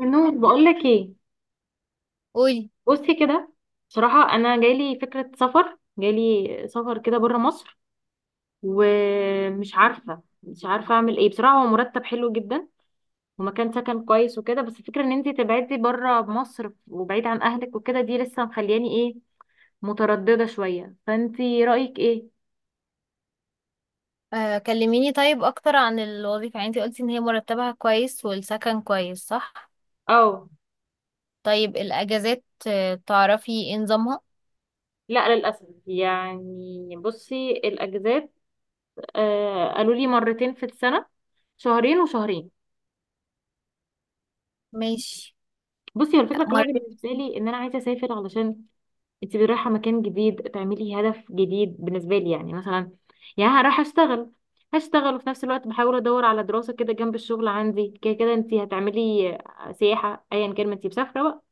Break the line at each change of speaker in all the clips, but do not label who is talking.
نور، بقول لك ايه؟
قولي.
بصي كده. بصراحه انا جايلي فكره سفر جايلي سفر كده بره مصر، ومش عارفه مش عارفه اعمل ايه. بصراحه هو مرتب حلو جدا ومكان سكن كويس وكده، بس الفكره ان انت تبعدي بره مصر وبعيد عن اهلك وكده، دي لسه مخلياني ايه، متردده شويه. فانت رايك ايه؟
آه، كلميني طيب اكتر عن الوظيفة. يعني انتي قلتي ان هي مرتبها كويس والسكن كويس، صح؟
اه.
طيب الاجازات تعرفي ايه نظامها؟
لا للاسف، يعني بصي الاجازات، قالوا لي مرتين في السنه، شهرين وشهرين.
ماشي.
بصي هو الفكره كلها
مرتب.
بالنسبه لي ان انا عايزه اسافر، علشان انت رايحه مكان جديد تعملي هدف جديد. بالنسبه لي يعني مثلا يا رايحه اشتغل، هشتغل وفي نفس الوقت بحاول ادور على دراسه كده جنب الشغل، عندي كده كده انت هتعملي سياحه ايا كان ما انت مسافره بقى.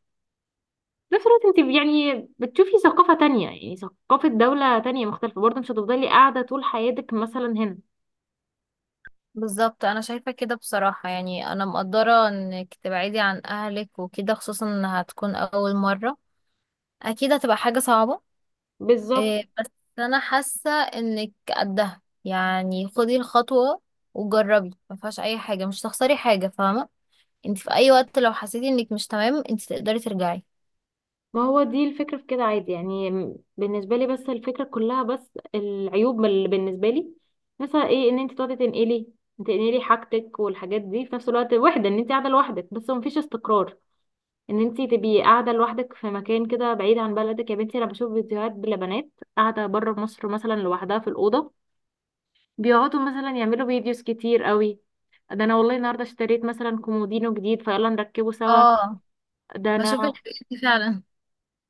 في نفس الوقت انت يعني بتشوفي ثقافه تانية، يعني ثقافه دوله تانية مختلفه، برضه مش هتفضلي قاعده طول حياتك مثلا هنا.
بالظبط، انا شايفة كده بصراحة. يعني انا مقدرة انك تبعدي عن اهلك وكده، خصوصا انها هتكون اول مرة. اكيد هتبقى حاجة صعبة.
بالظبط.
آه، بس انا حاسة انك قدها. يعني خدي الخطوة وجربي، ما فيهاش اي حاجة، مش هتخسري حاجة، فاهمة؟ انت في اي وقت لو حسيتي انك مش تمام انت تقدري ترجعي.
ما هو دي الفكرة في كده عادي، يعني بالنسبة لي، بس الفكرة كلها، بس العيوب اللي بالنسبة لي مثلا ايه، ان انت تقعدي تنقلي حاجتك والحاجات دي في نفس الوقت، وحدة ان انت قاعدة لوحدك، بس مفيش استقرار. ان انت تبقي قاعدة لوحدك في مكان كده بعيد عن بلدك، يا بنتي انا بشوف فيديوهات لبنات قاعدة بره مصر مثلا لوحدها في الأوضة، بيقعدوا مثلا يعملوا فيديوز كتير قوي. ده انا والله النهارده اشتريت مثلا كومودينو جديد فيلا نركبه سوا.
اه،
ده انا.
بشوف الحاجات دي فعلا.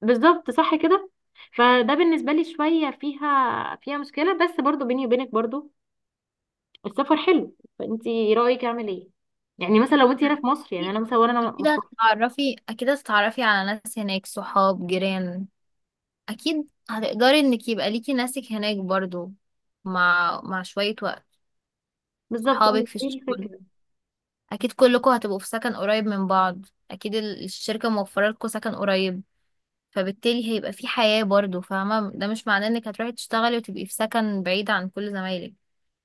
بالظبط، صح كده. فده بالنسبه لي شويه فيها مشكله، بس برضو بيني وبينك برضو السفر حلو. فانت رايك اعمل ايه؟ يعني مثلا لو انت هنا في مصر، يعني
اكيد.
انا مثلا وانا
أكيد
مستقر.
هتتعرفي، اكيد هتتعرفي على ناس هناك، صحاب، جيران. اكيد هتقدري انك يبقى ليكي ناسك هناك برضو، مع شوية وقت.
بالظبط، أنا
صحابك في
دي
الشغل،
الفكره.
اكيد كلكم هتبقوا في سكن قريب من بعض. اكيد الشركة موفرة لكم سكن قريب، فبالتالي هيبقى في حياة برضو، فاهمة؟ ده مش معناه انك هتروحي تشتغلي وتبقي في سكن بعيد عن كل زمايلك،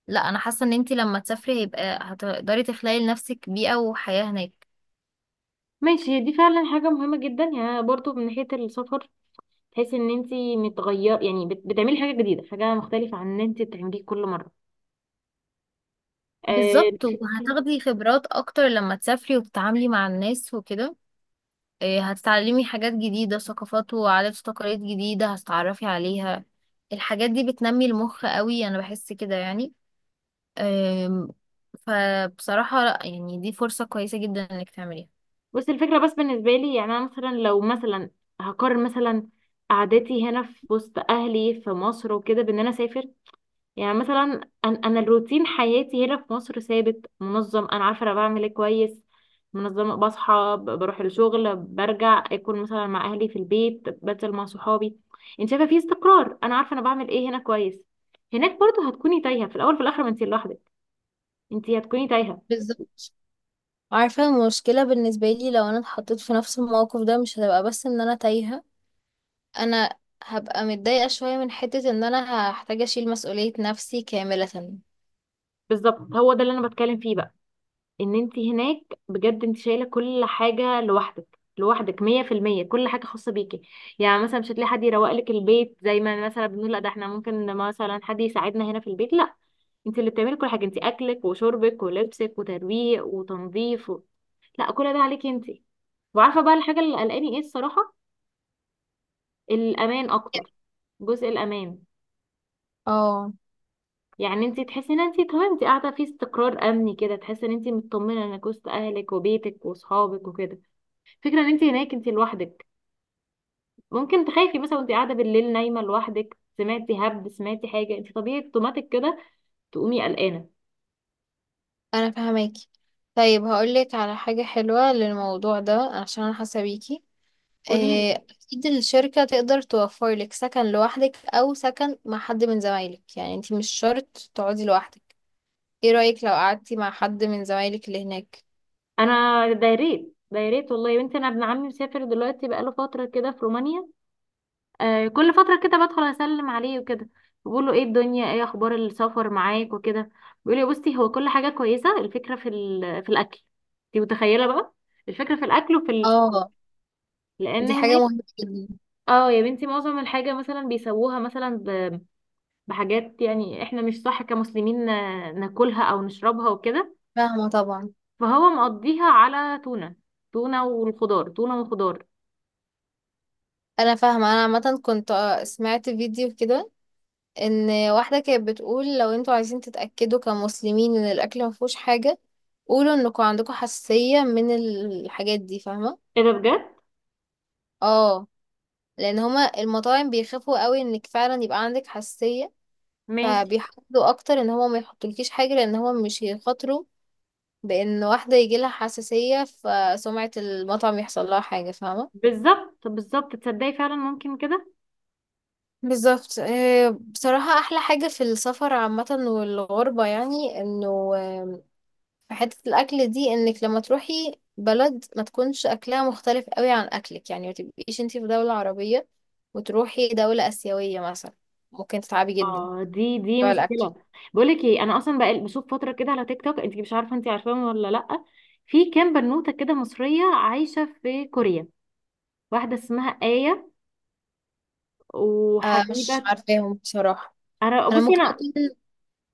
لا. انا حاسه ان انتي لما تسافري هيبقى، هتقدري تخلقي لنفسك بيئه وحياه هناك.
ماشي، هي دي فعلا حاجه مهمه جدا، يعني برضو من ناحيه السفر تحسي ان انت متغير، يعني بتعملي حاجه جديده، حاجه مختلفه عن ان انت بتعمليه كل مره. آه،
بالظبط، وهتاخدي خبرات اكتر لما تسافري وتتعاملي مع الناس وكده. إيه، هتتعلمي حاجات جديده، ثقافات وعادات وتقاليد جديده هتتعرفي عليها. الحاجات دي بتنمي المخ قوي، انا بحس كده يعني. أم، فبصراحه لا، يعني دي فرصه كويسه جدا انك تعمليها.
بس الفكرة، بس بالنسبة لي يعني أنا مثلا لو مثلا هقارن مثلا قعدتي هنا في وسط أهلي في مصر وكده بإن أنا أسافر. يعني مثلا أنا الروتين حياتي هنا في مصر ثابت منظم، أنا عارفة أنا بعمل إيه كويس، منظمة بصحى بروح الشغل، برجع أكل مثلا مع أهلي في البيت، بنزل مع صحابي. أنت شايفة في استقرار، أنا عارفة أنا بعمل إيه هنا كويس. هناك برضه هتكوني تايهة في الأول، في الآخر ما أنت لوحدك، أنت هتكوني تايهة.
بالظبط. عارفة المشكلة بالنسبة لي لو أنا اتحطيت في نفس الموقف ده؟ مش هتبقى بس إن أنا تايهة، انا هبقى متضايقة شوية من حتة ان انا هحتاج اشيل مسؤولية نفسي كاملة.
بالظبط هو ده اللي أنا بتكلم فيه بقى، ان انت هناك بجد انت شايله كل حاجه لوحدك، لوحدك 100%، كل حاجه خاصه بيكي. يعني مثلا مش هتلاقي حد يروق لك البيت زي ما مثلا بنقول، لا ده احنا ممكن مثلا حد يساعدنا هنا في البيت، لا انت اللي بتعملي كل حاجه، انت اكلك وشربك ولبسك وترويق وتنظيف لا، كل ده عليكي انت. وعارفه بقى الحاجه اللي قلقاني ايه الصراحه، الامان اكتر، جزء الامان.
اه.
يعني انت تحسي ان انت تمام، انت قاعده في استقرار امني كده، تحسي ان انت مطمنه انك وسط اهلك وبيتك واصحابك وكده. فكرة ان انت هناك انت لوحدك، ممكن تخافي مثلا وانت قاعدة بالليل نايمة لوحدك، سمعتي هب، سمعتي حاجة، انت طبيعي اوتوماتيك كده تقومي قلقانة.
انا فهماكي. طيب هقولك على حاجة حلوة للموضوع ده عشان انا حاسة بيكي.
قولي لي.
إيه، اكيد الشركة تقدر توفر لك سكن لوحدك او سكن مع حد من زمايلك، يعني انتي مش شرط تقعدي لوحدك. ايه رأيك لو قعدتي مع حد من زمايلك اللي هناك؟
انا ده يا ريت، ده يا ريت والله، يا بنتي انا ابن عمي مسافر دلوقتي بقاله فترة كده في رومانيا. كل فترة كده بدخل اسلم عليه وكده، بقول له ايه الدنيا، ايه اخبار السفر معاك وكده. بيقول لي بصي، هو كل حاجة كويسة، الفكرة في في الاكل. انت متخيلة بقى، الفكرة في الاكل وفي الصحاب،
اه،
لان
دي حاجة
هناك.
مهمة جدا.
اه يا بنتي معظم الحاجة مثلا بيسووها مثلا بحاجات، يعني احنا مش صح كمسلمين ناكلها او نشربها وكده.
فاهمة طبعا.
فهو مقضيها على تونة، تونة والخضار، تونة وخضار.
انا فاهمة. انا عامة كنت سمعت فيديو كده، ان واحدة كانت بتقول لو انتوا عايزين تتأكدوا كمسلمين ان الاكل مفهوش حاجة، قولوا انكم عندكم حساسية من الحاجات دي، فاهمة؟
ايه ده بجد؟
اه، لان هما المطاعم بيخافوا قوي انك فعلا يبقى عندك حساسية،
ماشي.
فبيحاولوا اكتر ان هما ما يحطولكيش حاجة، لان هما مش هيخاطروا بان واحدة يجيلها حساسية فسمعة المطعم يحصل لها حاجة، فاهمة؟
بالظبط، بالظبط تصدقي فعلا ممكن كده.
بالظبط. آه، بصراحة أحلى حاجة في السفر عامة والغربة يعني إنه، فحتة الأكل دي إنك لما تروحي بلد ما تكونش أكلها مختلف قوي عن أكلك. يعني ما تبقيش انتي في دولة عربية وتروحي دولة آسيوية مثلا، ممكن تتعبي جدا
اه دي
بتوع الأكل.
مشكلة. بقولك ايه، انا اصلا بقى بشوف فترة كده على تيك توك، انت مش عارفة انت عارفاهم ولا لأ؟ في كام بنوتة كده مصرية عايشة في كوريا، واحدة اسمها آية
آه، مش
وحبيبة.
عارفاهم بصراحة.
انا
أنا
بصي
ممكن
انا.
أكون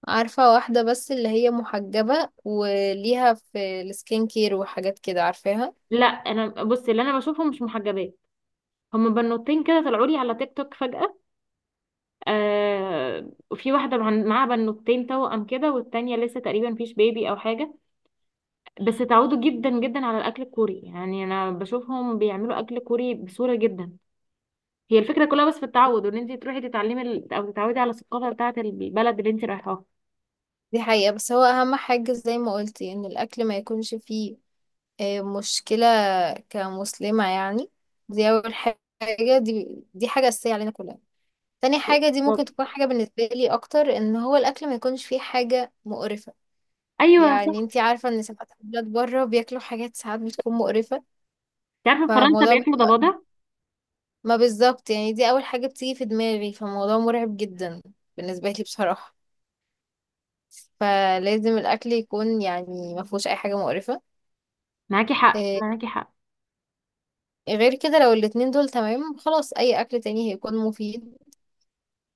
عارفة واحدة بس، اللي هي محجبة وليها في السكين كير وحاجات كده، عارفاها.
لا انا بصي اللي انا بشوفهم مش محجبات. هما بنوتين كده طلعوا لي على تيك توك فجأة. وفي واحدة معاها بنوتين توأم كده، والتانية لسه تقريبا فيش بيبي أو حاجة. بس اتعودوا جدا جدا على الأكل الكوري، يعني أنا بشوفهم بيعملوا أكل كوري بسهولة جدا. هي الفكرة كلها بس في التعود، وإن أنت تروحي تتعلمي أو تتعودي على الثقافة بتاعة البلد اللي أنت رايحاها.
دي حقيقة، بس هو أهم حاجة زي ما قلتي إن الأكل ما يكونش فيه مشكلة كمسلمة يعني. دي أول حاجة. دي دي حاجة أساسية علينا كلنا. تاني حاجة دي
بالظبط.
ممكن تكون حاجة بالنسبة لي أكتر، إن هو الأكل ما يكونش فيه حاجة مقرفة.
أيوه
يعني
صح.
انتي عارفة إن ساعات البلاد بره بياكلوا حاجات ساعات بتكون مقرفة.
أنت عارفة فرنسا
فالموضوع بي-
بياكلوا ضفادع.
ما بالظبط، يعني دي أول حاجة بتيجي في دماغي، فالموضوع مرعب جدا بالنسبة لي بصراحة. فلازم الأكل يكون يعني ما فيهوش أي حاجة مقرفة.
معاكي حق
آه،
معاكي حق.
غير كده لو الاتنين دول تمام خلاص، أي أكل تاني هيكون مفيد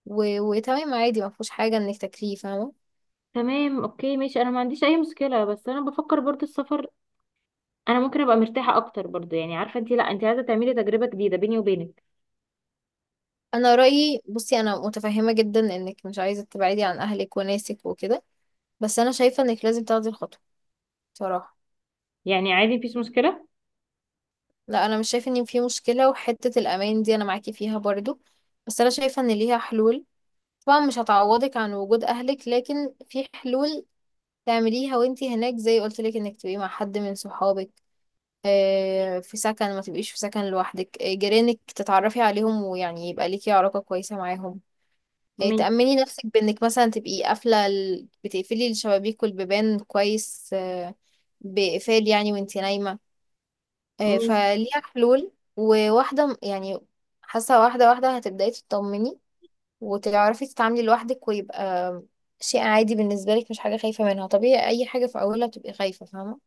وتمام عادي، ما فيهوش حاجة انك تاكليه، فاهمة؟
تمام، أوكي، ماشي. أنا ما عنديش أي مشكلة، بس أنا بفكر برضه السفر. انا ممكن ابقى مرتاحه اكتر برضو، يعني عارفه انت، لا انت عايزه تعملي تجربه جديده بيني وبينك.
انا رأيي بصي، انا متفهمة جدا انك مش عايزة تبعدي عن اهلك وناسك وكده، بس انا شايفة انك لازم تاخدي الخطوة بصراحة.
يعني عادي مفيش مشكله.
لا، انا مش شايفة ان في مشكلة. وحتة الامان دي انا معاكي فيها برضو، بس انا شايفة ان ليها حلول. طبعا مش هتعوضك عن وجود اهلك، لكن في حلول تعمليها وانتي هناك، زي قلت لك انك تبقي مع حد من صحابك آه، في سكن، ما تبقيش في سكن لوحدك. آه، جيرانك تتعرفي عليهم ويعني يبقى ليكي علاقة كويسة معاهم. يعني
ماشي.
تأمني نفسك بإنك مثلا تبقي قافلة بتقفلي الشبابيك والبيبان كويس، آه، بإقفال يعني وانتي نايمة. آه،
ماشي.
فليها حلول، يعني حاسة واحدة واحدة هتبدأي تطمني وتعرفي تتعاملي لوحدك، ويبقى شيء عادي بالنسبة لك، مش حاجة خايفة منها. طبيعي أي حاجة في أولها بتبقي خايفة، فاهمة؟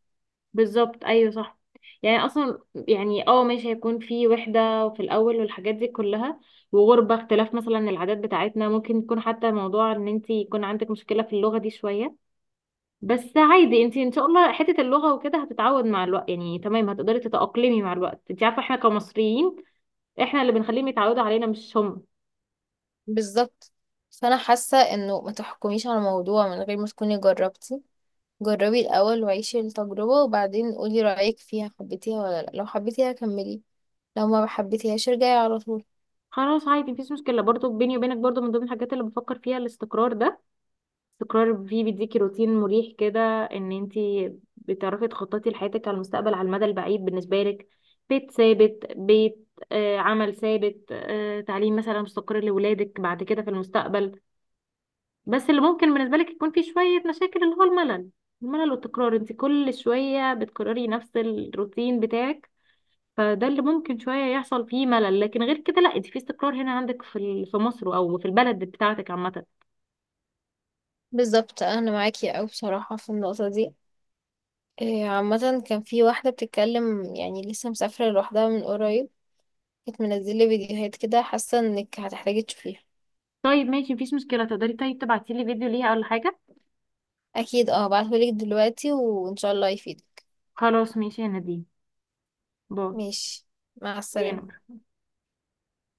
بالظبط، ايوه صح. يعني اصلا يعني اه ماشي، هيكون في وحده وفي الاول والحاجات دي كلها، وغربه، اختلاف مثلا العادات بتاعتنا، ممكن يكون حتى موضوع ان انت يكون عندك مشكله في اللغه دي شويه. بس عادي انت ان شاء الله حته اللغه وكده هتتعود مع الوقت، يعني تمام هتقدري تتاقلمي مع الوقت. انت عارفه احنا كمصريين احنا اللي بنخليهم يتعودوا علينا مش هم.
بالظبط فأنا حاسة إنه ما تحكميش على الموضوع من غير ما تكوني جربتي. جربي الأول وعيشي التجربة وبعدين قولي رأيك فيها، حبيتيها ولا لأ. لو حبيتيها كملي، لو ما حبيتيهاش ارجعي على طول.
خلاص عادي مفيش مشكلة. برضو بيني وبينك برضو من ضمن الحاجات اللي بفكر فيها الاستقرار ده، استقرار فيه بيديكي روتين مريح كده، ان انتي بتعرفي تخططي لحياتك على المستقبل، على المدى البعيد بالنسبة لك. بيت ثابت، بيت آه عمل ثابت، تعليم مثلا مستقر لولادك بعد كده في المستقبل. بس اللي ممكن بالنسبة لك يكون فيه شوية مشاكل اللي هو الملل، الملل والتكرار، انتي كل شوية بتكرري نفس الروتين بتاعك. فده اللي ممكن شوية يحصل فيه ملل، لكن غير كده لا انت في استقرار هنا عندك في في مصر او في البلد بتاعتك عامة.
بالظبط، أنا معاكي أوي بصراحة في النقطة دي. إيه، عامة كان في واحدة بتتكلم، يعني لسه مسافرة لوحدها من قريب، كانت منزلة فيديوهات كده، حاسة انك هتحتاجي تشوفيها.
طيب ماشي مفيش مشكلة، تقدري طيب تبعتي لي فيديو ليها ولا حاجة؟
أكيد، اه هبعتهولك دلوقتي وإن شاء الله يفيدك.
خلاص ماشي يا نادين.
ماشي. مع السلامة.
باي.